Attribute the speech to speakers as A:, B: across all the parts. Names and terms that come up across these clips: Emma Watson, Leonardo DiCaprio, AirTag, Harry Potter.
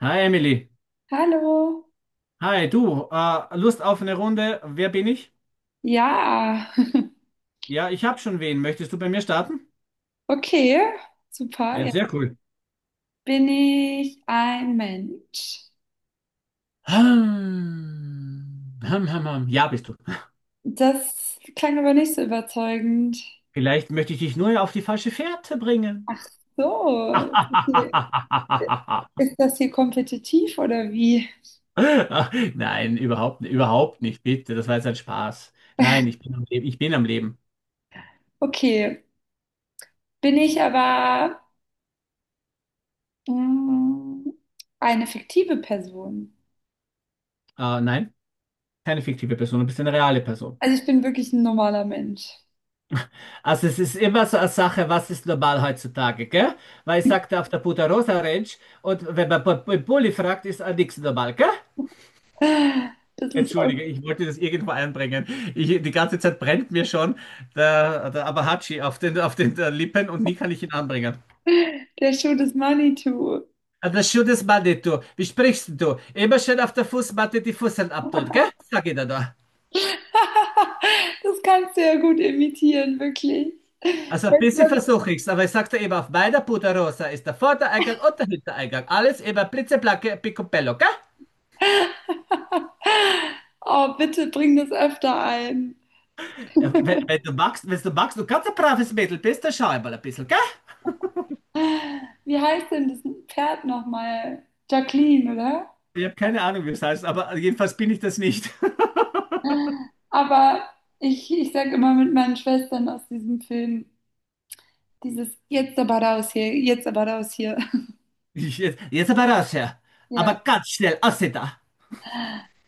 A: Hi, Emily.
B: Hallo.
A: Hi, du. Lust auf eine Runde? Wer bin ich?
B: Ja,
A: Ja, ich habe schon wen. Möchtest du bei mir starten?
B: okay, super.
A: Ja,
B: Ja.
A: sehr cool.
B: Bin ich ein Mensch?
A: Hm. Hm, hm, hm. Ja, bist du.
B: Das klang aber nicht so überzeugend.
A: Vielleicht möchte ich dich nur auf die falsche Fährte bringen.
B: Ach so, ist das hier, ist das hier kompetitiv oder wie?
A: Nein, überhaupt nicht, bitte. Das war jetzt ein Spaß. Nein, ich bin am Leben. Ich bin am Leben.
B: Okay, bin ich aber mm, eine fiktive Person?
A: Nein, keine fiktive Person, du bist eine reale Person.
B: Also ich bin wirklich ein normaler Mensch.
A: Also es ist immer so eine Sache, was ist normal heutzutage, gell? Weil ich sagte auf der Punta Rosa Ranch, und wenn man im Pulli fragt, ist auch nichts normal, gell?
B: Das ist aus
A: Entschuldige, ich wollte das irgendwo einbringen. Ich, die ganze Zeit brennt mir schon der Abahachi auf den Lippen, und nie kann ich ihn anbringen.
B: der Schuh des Manitou.
A: Ah, das schönes Mann, du. Wie sprichst du? Immer schön auf der Fußmatte die Fusseln abtun, gell? Sag ich dir da.
B: Das kannst du ja gut imitieren, wirklich.
A: Also ein bisschen versuche ich's, aber ich sagte eben, auf meiner Punta Rosa ist der Vordereingang und der Hintereingang. Alles immer blitzeblanke Picobello, gell?
B: Oh, bitte bring das öfter ein.
A: Ja, wenn du magst, wenn du magst, du ganz ein braves Mädel bist, dann schau einmal ein bisschen, gell?
B: Wie heißt denn das Pferd nochmal? Jacqueline, oder?
A: Ich habe keine Ahnung, wie es heißt, aber jedenfalls bin ich das nicht.
B: Aber ich sage immer mit meinen Schwestern aus diesem Film, dieses jetzt aber raus hier, jetzt aber raus hier.
A: Ich, jetzt aber raus her. Aber
B: Ja,
A: ganz schnell, aus da.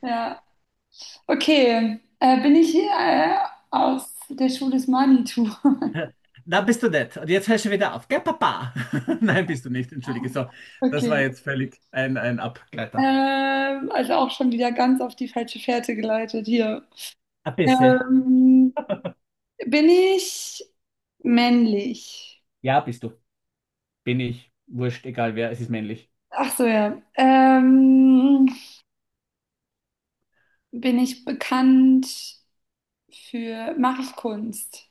B: ja. Okay, bin ich aus der Schule des Manitou?
A: Da bist du nett. Und jetzt hörst du wieder auf, gell, Papa? Nein, bist du nicht, entschuldige. So, das war
B: Okay.
A: jetzt völlig ein Abgleiter.
B: Also auch schon wieder ganz auf die falsche Fährte geleitet hier.
A: Ein bisschen.
B: Ähm, Bin ich männlich?
A: Ja, bist du. Bin ich. Wurscht, egal wer, es ist männlich.
B: Ach so, ja. Bin ich bekannt für, mache ich Kunst?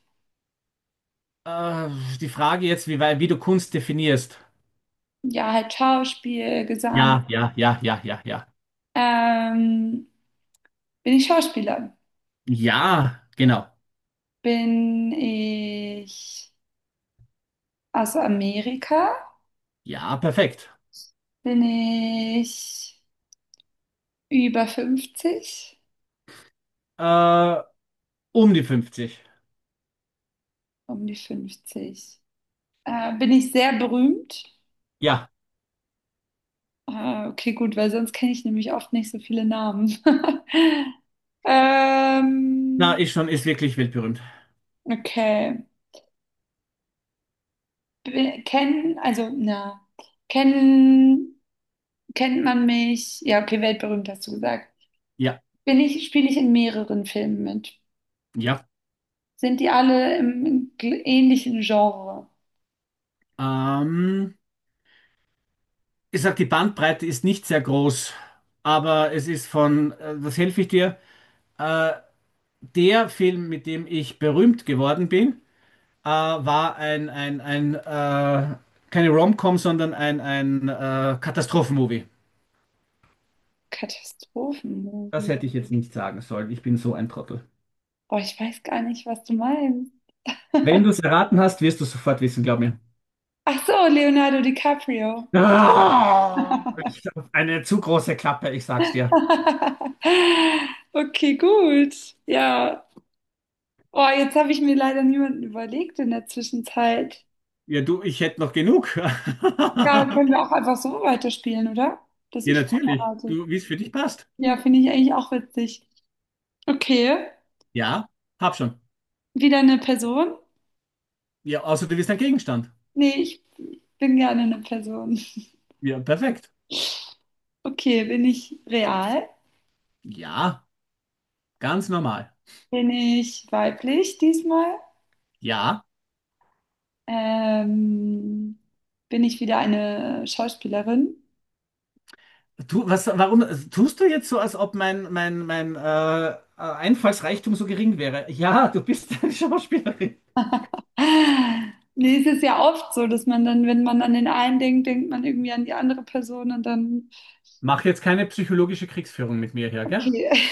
A: Äh, Die Frage jetzt, wie, wie du Kunst definierst.
B: Ja, halt Schauspiel, Gesang.
A: Ja, ja, ja, ja, ja, ja.
B: Ähm, bin ich Schauspieler?
A: Ja, genau.
B: Bin ich aus Amerika?
A: Ja, perfekt.
B: Bin ich über 50?
A: Äh, Um die 50.
B: Um die 50. Bin ich sehr berühmt?
A: Ja,
B: Ah, okay, gut, weil sonst kenne ich nämlich oft nicht so viele Namen.
A: na,
B: Ähm,
A: ist schon, ist wirklich weltberühmt.
B: okay. Kennen, also, na, kennen, kennt man mich? Ja, okay, weltberühmt hast du gesagt.
A: Ja,
B: Spiele ich in mehreren Filmen mit?
A: ja.
B: Sind die alle im ähnlichen Genre?
A: Ähm, Ich sag, die Bandbreite ist nicht sehr groß, aber es ist von, was helfe ich dir? Äh, Der Film, mit dem ich berühmt geworden bin, war ein keine Rom-Com, sondern ein Katastrophenmovie. Das
B: Katastrophenmovie.
A: hätte ich jetzt nicht sagen sollen. Ich bin so ein Trottel.
B: Boah, ich weiß gar nicht, was du meinst.
A: Wenn du es erraten hast, wirst du es sofort wissen, glaub mir.
B: Ach so, Leonardo DiCaprio.
A: Ah, ich hab eine zu große Klappe, ich sag's dir.
B: Okay, gut. Ja, oh, jetzt habe ich mir leider niemanden überlegt in der Zwischenzeit.
A: Ja, du, ich hätte noch genug.
B: Ja, können wir auch einfach so weiterspielen, oder? Dass
A: Ja,
B: ich
A: natürlich.
B: vorbereite.
A: Du, wie es für dich passt.
B: Ja, finde ich eigentlich auch witzig. Okay,
A: Ja, hab schon.
B: wieder eine Person?
A: Ja, außer du bist ein Gegenstand.
B: Nee, ich bin gerne eine Person.
A: Ja, perfekt.
B: Okay, bin ich real?
A: Ja, ganz normal.
B: Bin ich weiblich diesmal?
A: Ja.
B: Ähm, bin ich wieder eine Schauspielerin?
A: Du, was, warum tust du jetzt so, als ob mein Einfallsreichtum so gering wäre? Ja, du bist eine Schauspielerin.
B: Ah, nee, es ist ja oft so, dass man dann, wenn man an den einen denkt, denkt man irgendwie an die andere Person und dann,
A: Mach jetzt keine psychologische Kriegsführung mit mir hier, gell?
B: okay.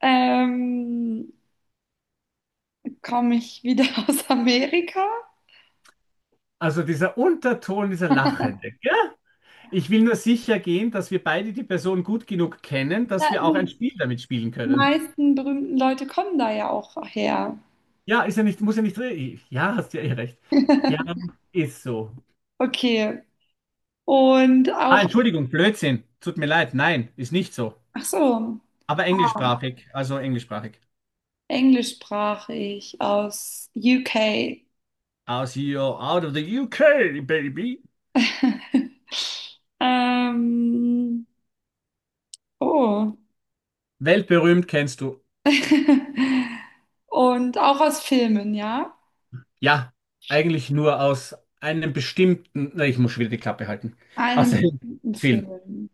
B: Ähm, komme ich wieder aus Amerika?
A: Also dieser Unterton, dieser Lachende, gell? Ich will nur sicher gehen, dass wir beide die Person gut genug kennen, dass
B: Ja,
A: wir auch ein
B: nee.
A: Spiel damit spielen
B: Die
A: können.
B: meisten berühmten Leute kommen da ja auch her.
A: Ja, ist ja nicht, muss ja nicht drin. Ja, hast ja eh recht. Ja, ist so.
B: Okay. Und
A: Ah,
B: auch,
A: Entschuldigung, Blödsinn. Tut mir leid. Nein, ist nicht so.
B: ach so,
A: Aber englischsprachig, also englischsprachig.
B: englischsprachig aus UK.
A: Aus you out of the UK, baby.
B: Ähm, oh.
A: Weltberühmt kennst du.
B: Und auch aus Filmen, ja?
A: Ja, eigentlich nur aus einem bestimmten. Na, ich muss schon wieder die Klappe halten.
B: Einem
A: Aus einem
B: bestimmten
A: Film.
B: Film.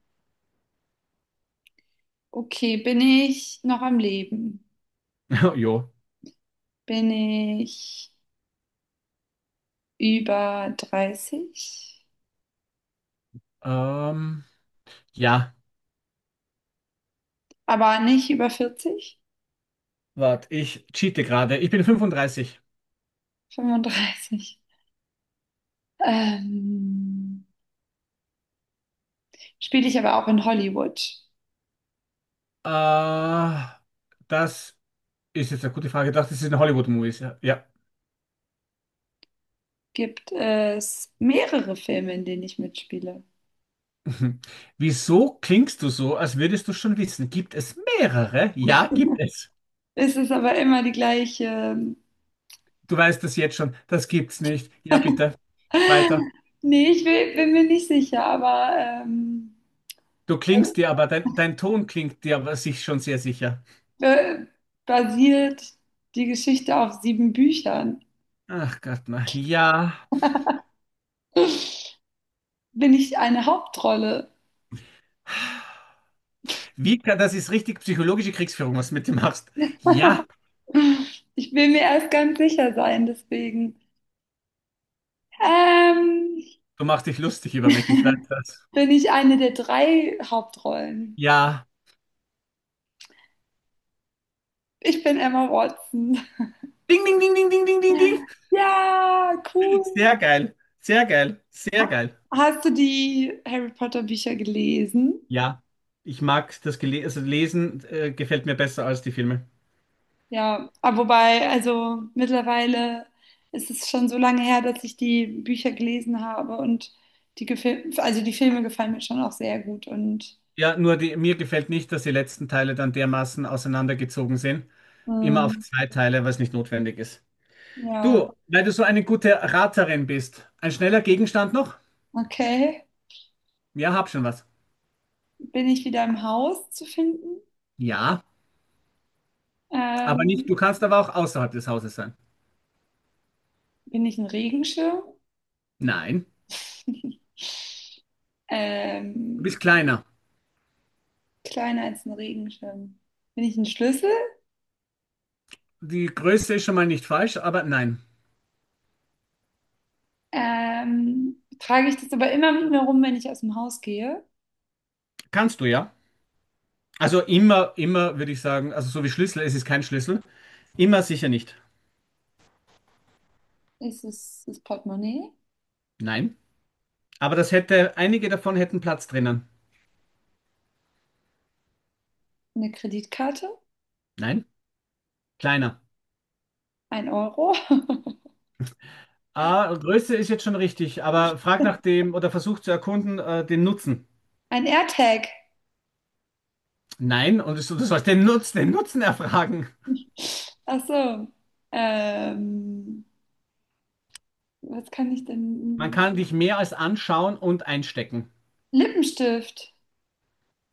B: Okay, bin ich noch am Leben?
A: Jo.
B: Bin ich über 30,
A: Ähm, ja,
B: aber nicht über 40,
A: warte, ich cheate gerade. Ich bin 35.
B: 35. Ähm, spiele ich aber auch in Hollywood.
A: Äh, Das ist jetzt eine gute Frage. Ich dachte, das ist ein Hollywood-Movies. Ja, ja.
B: Gibt es mehrere Filme, in denen ich mitspiele.
A: Wieso klingst du so, als würdest du schon wissen? Gibt es mehrere? Ja, gibt es.
B: Es ist aber immer die gleiche.
A: Du weißt das jetzt schon. Das gibt's nicht. Ja, bitte. Weiter.
B: Nee, bin mir nicht sicher, aber
A: Du klingst dir aber, dein Ton klingt dir aber sich schon sehr sicher.
B: äh, basiert die Geschichte auf sieben Büchern.
A: Ach Gott, na ja.
B: Bin ich eine Hauptrolle?
A: Wie kann, das ist richtig psychologische Kriegsführung, was du mit dir machst. Ja,
B: Ich will mir erst ganz sicher sein, deswegen. Ähm,
A: du machst dich lustig über mich, ich weiß das.
B: bin ich eine der drei Hauptrollen.
A: Ja.
B: Ich bin Emma Watson.
A: Ding, ding, ding, ding, ding, ding, ding, ding.
B: Ja, cool.
A: Sehr geil. Sehr geil. Sehr geil.
B: Hast du die Harry Potter Bücher gelesen?
A: Ja, ich mag das Gele, also Lesen gefällt mir besser als die Filme.
B: Ja, aber wobei, also mittlerweile ist es schon so lange her, dass ich die Bücher gelesen habe und die Gefil also die Filme gefallen mir schon auch sehr gut und
A: Ja, nur die, mir gefällt nicht, dass die letzten Teile dann dermaßen auseinandergezogen sind. Immer auf
B: ähm,
A: zwei Teile, was nicht notwendig ist.
B: ja,
A: Du, weil du so eine gute Raterin bist, ein schneller Gegenstand noch?
B: okay.
A: Ja, hab schon was.
B: Bin ich wieder im Haus zu finden?
A: Ja, aber
B: Ähm,
A: nicht, du kannst aber auch außerhalb des Hauses sein.
B: bin ich ein Regenschirm?
A: Nein, du
B: Ähm,
A: bist kleiner.
B: kleiner als ein Regenschirm. Bin ich ein Schlüssel?
A: Die Größe ist schon mal nicht falsch, aber nein.
B: Trage ich das aber immer mit mir rum, wenn ich aus dem Haus gehe?
A: Kannst du ja. Also immer, immer würde ich sagen, also so wie Schlüssel, es ist kein Schlüssel. Immer sicher nicht.
B: Ist es das Portemonnaie?
A: Nein. Aber das hätte, einige davon hätten Platz drinnen.
B: Eine Kreditkarte?
A: Nein, kleiner.
B: Ein Euro?
A: Ah, Größe ist jetzt schon richtig, aber frag nach dem oder versuch zu erkunden, den Nutzen.
B: Ein AirTag?
A: Nein, und du sollst den Nutzen erfragen.
B: Ach so. Ähm, was kann ich
A: Man
B: denn?
A: kann dich mehr als anschauen und einstecken.
B: Lippenstift?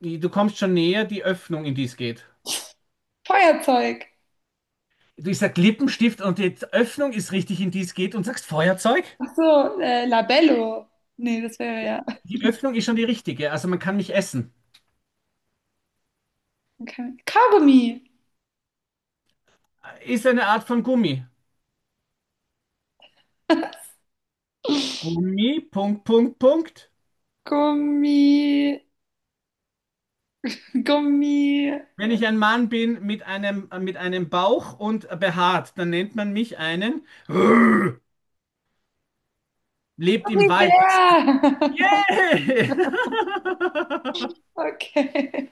A: Du kommst schon näher, die Öffnung, in die es geht.
B: Feuerzeug?
A: Ich sag Lippenstift und die Öffnung ist richtig, in die es geht, und sagst Feuerzeug?
B: Ach so, Labello. Nee, das wäre ja.
A: Die Öffnung ist schon die richtige, also man kann mich essen.
B: Okay. Kaugummi.
A: Ist eine Art von Gummi. Gummi, Punkt, Punkt, Punkt.
B: Gummi. Gummi.
A: Wenn ich ein Mann bin mit einem Bauch und behaart, dann nennt man mich einen. Lebt im Wald das Tier.
B: Gummibär.
A: Yeah!
B: Okay.